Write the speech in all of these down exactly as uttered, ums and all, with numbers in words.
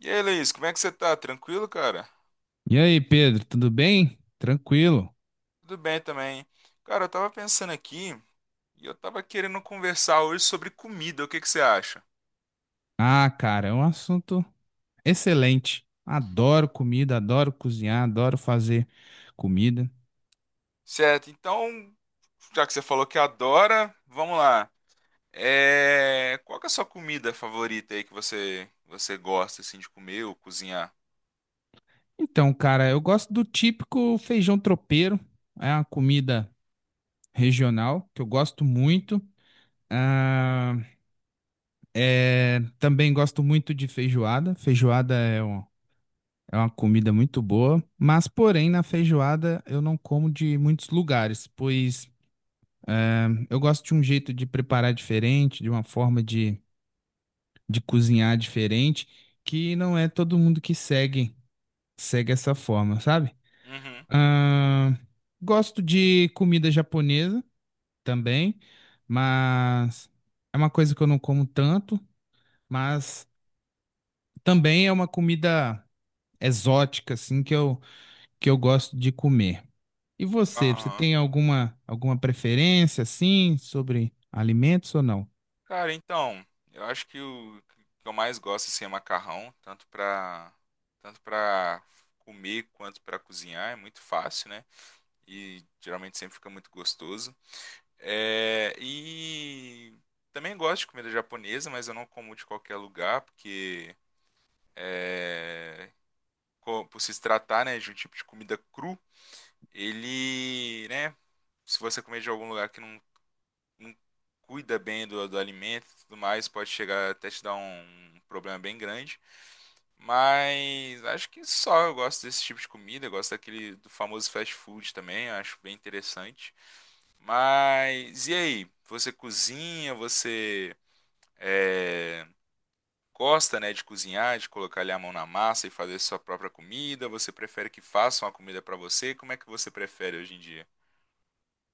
E aí, Luiz, como é que você tá? Tranquilo, cara? E aí, Pedro, tudo bem? Tranquilo? Tudo bem também. Cara, eu tava pensando aqui e eu tava querendo conversar hoje sobre comida. O que que você acha? Ah, cara, é um assunto excelente. Adoro comida, adoro cozinhar, adoro fazer comida. Certo, então, já que você falou que adora, vamos lá. É... Qual que é a sua comida favorita aí que você, você gosta assim de comer ou cozinhar? Então, cara, eu gosto do típico feijão tropeiro. É uma comida regional que eu gosto muito. Ah, é, também gosto muito de feijoada. Feijoada é um- é uma comida muito boa, mas porém na feijoada eu não como de muitos lugares, pois eu gosto de um jeito de preparar diferente, de uma forma de, de cozinhar diferente, que não é todo mundo que segue, segue essa forma, sabe? Uhum. Ahn, Gosto de comida japonesa também, mas é uma coisa que eu não como tanto, mas também é uma comida exótica, assim, que eu, que eu gosto de comer. E você, você Aham. tem alguma, alguma preferência, assim, sobre alimentos ou não? Cara, então, eu acho que o que eu mais gosto assim, é macarrão, tanto pra, tanto pra comer quanto pra cozinhar. É muito fácil, né? E geralmente sempre fica muito gostoso. É, e também gosto de comida japonesa, mas eu não como de qualquer lugar, porque é, co- por se tratar, né, de um tipo de comida cru, ele, né, se você comer de algum lugar que não, não cuida bem do, do alimento e tudo mais, pode chegar até te dar um um problema bem grande. Mas acho que só eu gosto desse tipo de comida, eu gosto daquele do famoso fast food também, eu acho bem interessante. Mas e aí? Você cozinha? Você é, gosta, né, de cozinhar, de colocar ali a mão na massa e fazer sua própria comida? Você prefere que façam a comida pra você? Como é que você prefere hoje em dia?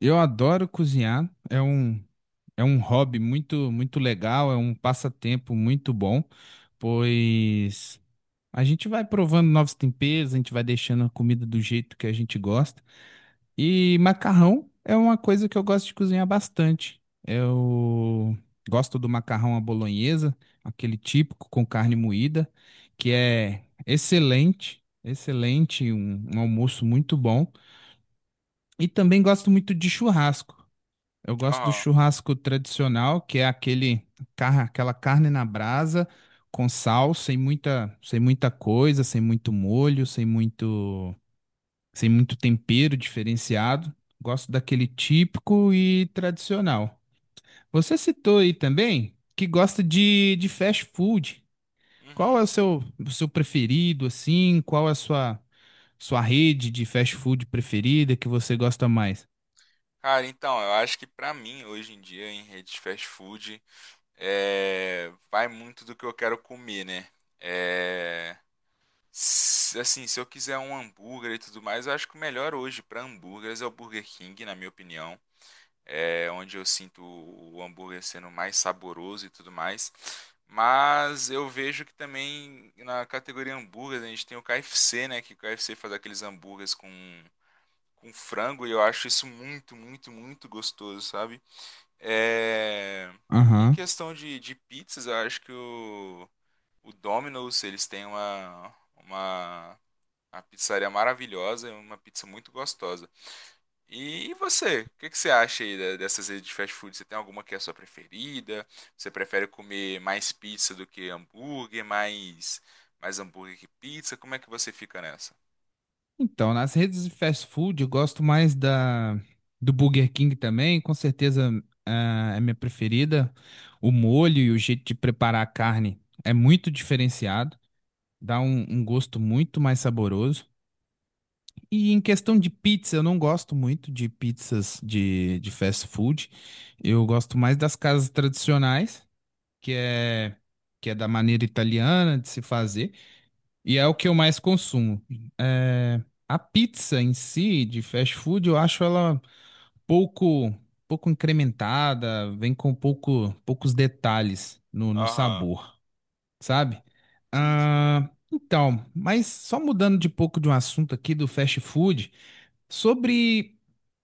Eu adoro cozinhar, é um é um hobby muito, muito legal, é um passatempo muito bom, pois a gente vai provando novos temperos, a gente vai deixando a comida do jeito que a gente gosta. E macarrão é uma coisa que eu gosto de cozinhar bastante. Eu gosto do macarrão à bolonhesa, aquele típico com carne moída, que Uhum. é excelente, excelente, um um almoço muito bom. E também gosto muito de churrasco. Eu gosto do Aham. churrasco tradicional, que é aquele, car- Aquela carne na brasa com sal, sem muita, sem muita coisa, sem muito molho, sem muito, sem muito tempero diferenciado. Gosto daquele típico e tradicional. Você citou aí também que gosta de, de fast food. Qual Uhum. é o seu, o seu preferido, assim? Qual é a sua, sua rede de fast food preferida que você gosta mais? Cara, então, eu acho que pra mim, hoje em dia, em rede de fast food, é, vai muito do que eu quero comer, né? É, s- Assim, se eu quiser um hambúrguer e tudo mais, eu acho que o melhor hoje pra hambúrgueres é o Burger King, na minha opinião. É onde eu sinto o hambúrguer sendo mais saboroso e tudo mais. Mas eu vejo que também na categoria hambúrguer a gente tem o K F C, né? Que o K F C faz aqueles hambúrgueres com, com frango e eu acho isso muito, muito, muito gostoso, sabe? É... e em Aham. questão de, de pizzas, eu acho que o, o Domino's, eles têm uma, uma, uma pizzaria maravilhosa, e uma pizza muito gostosa. E você? O que que você acha aí da- dessas redes de fast food? Você tem alguma que é a sua preferida? Você prefere comer mais pizza do que hambúrguer? Mais, mais hambúrguer que pizza? Como é que você fica nessa? Então, nas redes de fast food, eu gosto mais da do Burger King também, com certeza, ah, é minha preferida. O molho e o jeito de preparar a carne é muito diferenciado, dá um, um gosto muito mais saboroso. E em questão de pizza, eu não gosto muito de pizzas de, de fast food. Eu gosto mais das casas tradicionais, que é que é da maneira italiana de se fazer. E é o que eu mais consumo. É, a pizza em si, de fast food, eu acho ela pouco, pouco incrementada, vem com pouco, poucos detalhes no, no Aham. sabor, sabe? Sim, sim. Ah, então, mas só mudando de pouco de um assunto aqui do fast food, sobre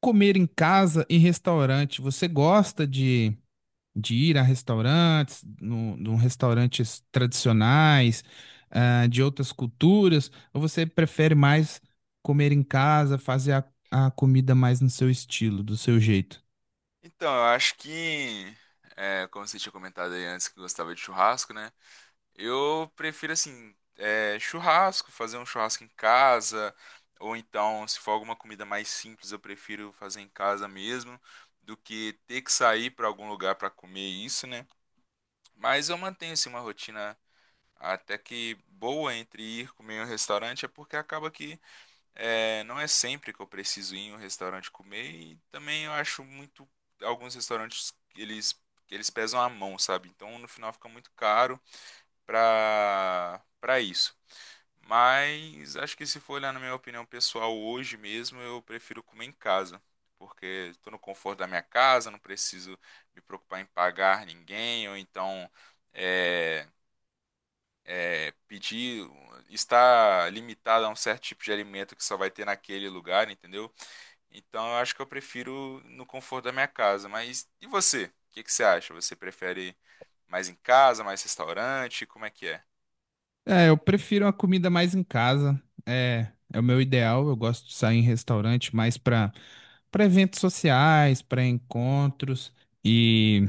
comer em casa e restaurante, você gosta de de ir a restaurantes, no, no restaurantes tradicionais, ah, de outras culturas, ou você prefere mais comer em casa, fazer a, a comida mais no seu estilo, do seu jeito? Então, eu acho que, é, como você tinha comentado aí antes que gostava de churrasco, né? Eu prefiro assim, é, churrasco, fazer um churrasco em casa, ou então, se for alguma comida mais simples, eu prefiro fazer em casa mesmo, do que ter que sair para algum lugar para comer isso, né? Mas eu mantenho assim uma rotina até que boa entre ir comer em um restaurante, é porque acaba que é, não é sempre que eu preciso ir em um restaurante comer, e também eu acho muito alguns restaurantes eles eles pesam a mão, sabe? Então no final fica muito caro para para isso. Mas acho que se for olhar na minha opinião pessoal hoje mesmo, eu prefiro comer em casa, porque estou no conforto da minha casa, não preciso me preocupar em pagar ninguém, ou então é, é, pedir, estar limitado a um certo tipo de alimento que só vai ter naquele lugar, entendeu? Então eu acho que eu prefiro no conforto da minha casa. Mas e você? O que que você acha? Você prefere mais em casa, mais restaurante? Como é que é? É, eu prefiro a comida mais em casa, é, é o meu ideal, eu gosto de sair em restaurante mais para para eventos sociais, para encontros e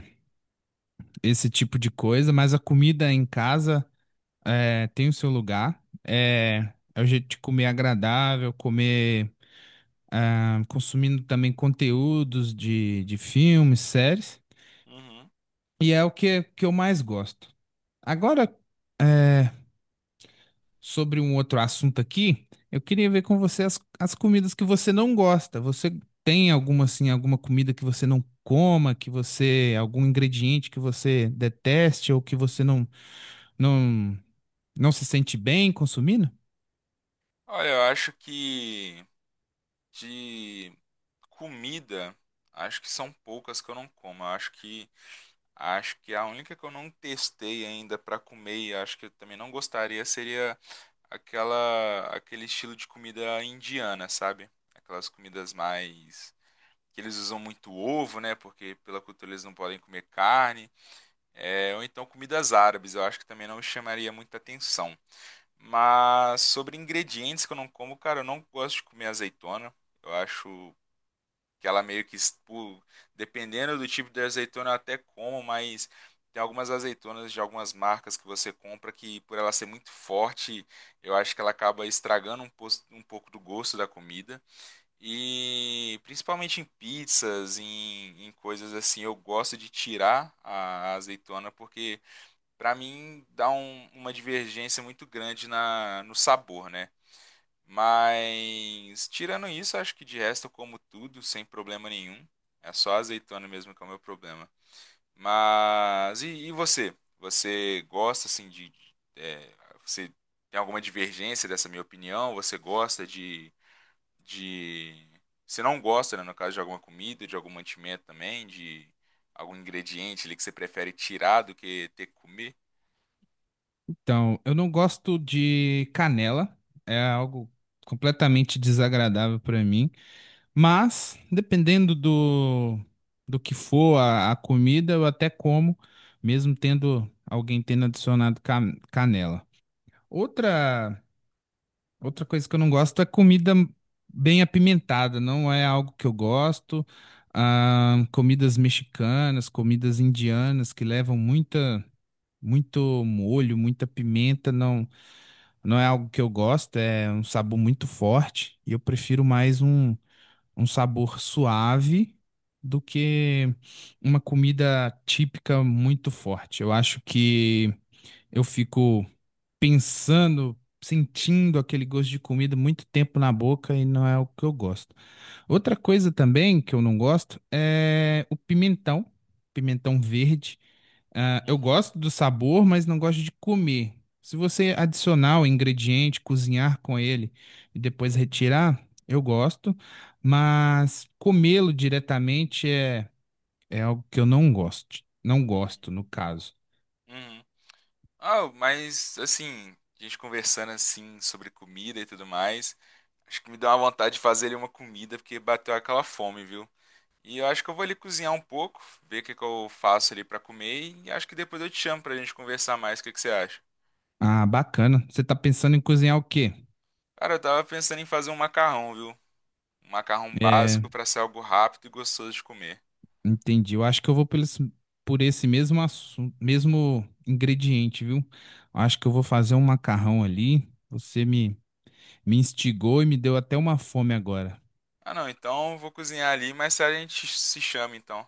esse tipo de coisa, mas a comida em casa é, tem o seu lugar. É, é o jeito de comer agradável, comer, ah, consumindo também conteúdos de, de filmes, séries. Uhum. E é o que, que eu mais gosto. Agora, é, sobre um outro assunto aqui, eu queria ver com você as, as comidas que você não gosta. Você tem alguma, assim, alguma comida que você não coma, que você, algum ingrediente que você deteste ou que você não, não, não se sente bem consumindo? Olha, eu acho que de comida, acho que são poucas que eu não como. Eu acho que acho que a única que eu não testei ainda para comer e acho que eu também não gostaria seria aquela aquele estilo de comida indiana, sabe? Aquelas comidas mais que eles usam muito ovo, né? Porque pela cultura eles não podem comer carne. É, ou então comidas árabes, eu acho que também não me chamaria muita atenção. Mas sobre ingredientes que eu não como, cara, eu não gosto de comer azeitona. Eu acho que ela meio que, expu- dependendo do tipo de azeitona, eu até como, mas tem algumas azeitonas de algumas marcas que você compra que, por ela ser muito forte, eu acho que ela acaba estragando um, pos- um pouco do gosto da comida. E principalmente em pizzas, em, em coisas assim, eu gosto de tirar a a azeitona porque pra mim, dá um- uma divergência muito grande na, no sabor, né? Mas, tirando isso, acho que de resto eu como tudo sem problema nenhum. É só a azeitona mesmo que é o meu problema. Mas, e, e você? Você gosta, assim, de... de- é, você tem alguma divergência dessa minha opinião? Você gosta de... de... Você não gosta, né, no caso, de alguma comida, de algum mantimento também, de algum ingrediente ali que você prefere tirar do que ter que comer? Então, eu não gosto de canela, é algo completamente desagradável para mim, mas dependendo do, do que for a, a comida, eu até como, mesmo tendo alguém tendo adicionado ca- canela. Outra, Outra coisa que eu não gosto é comida bem apimentada, não é algo que eu gosto. Ah, comidas mexicanas, comidas indianas que levam muita, muito molho, muita pimenta, não. Não é algo que eu gosto, é um sabor muito forte e eu prefiro mais um, um sabor suave do que uma comida típica muito forte. Eu acho que eu fico pensando, sentindo aquele gosto de comida muito tempo na boca e não é o que eu gosto. Outra coisa também que eu não gosto é o pimentão, pimentão verde. Ah, eu Uhum, gosto do sabor, mas não gosto de comer. Se você adicionar o ingrediente, cozinhar com ele e depois retirar, eu gosto, mas comê-lo diretamente é, é algo que eu não gosto. Não uhum. gosto, no caso. Uhum. Ah, mas assim, a gente conversando assim sobre comida e tudo mais, acho que me deu uma vontade de fazer ali uma comida, porque bateu aquela fome, viu? E eu acho que eu vou ali cozinhar um pouco, ver o que que eu faço ali pra comer, e acho que depois eu te chamo pra gente conversar mais, o que que você acha? Ah, bacana. Você está pensando em cozinhar o quê? Cara, eu tava pensando em fazer um macarrão, viu? Um macarrão É, básico pra ser algo rápido e gostoso de comer. entendi. Eu acho que eu vou pelo, esse- por esse mesmo assunto, mesmo ingrediente, viu? Acho que eu vou fazer um macarrão ali. Você me, me instigou e me deu até uma fome agora. Ah, não, então eu vou cozinhar ali, mas a gente se chama então.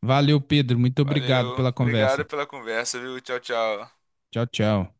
Valeu, Pedro. Muito obrigado Valeu, pela obrigado conversa. pela conversa, viu? Tchau, tchau. Tchau, tchau.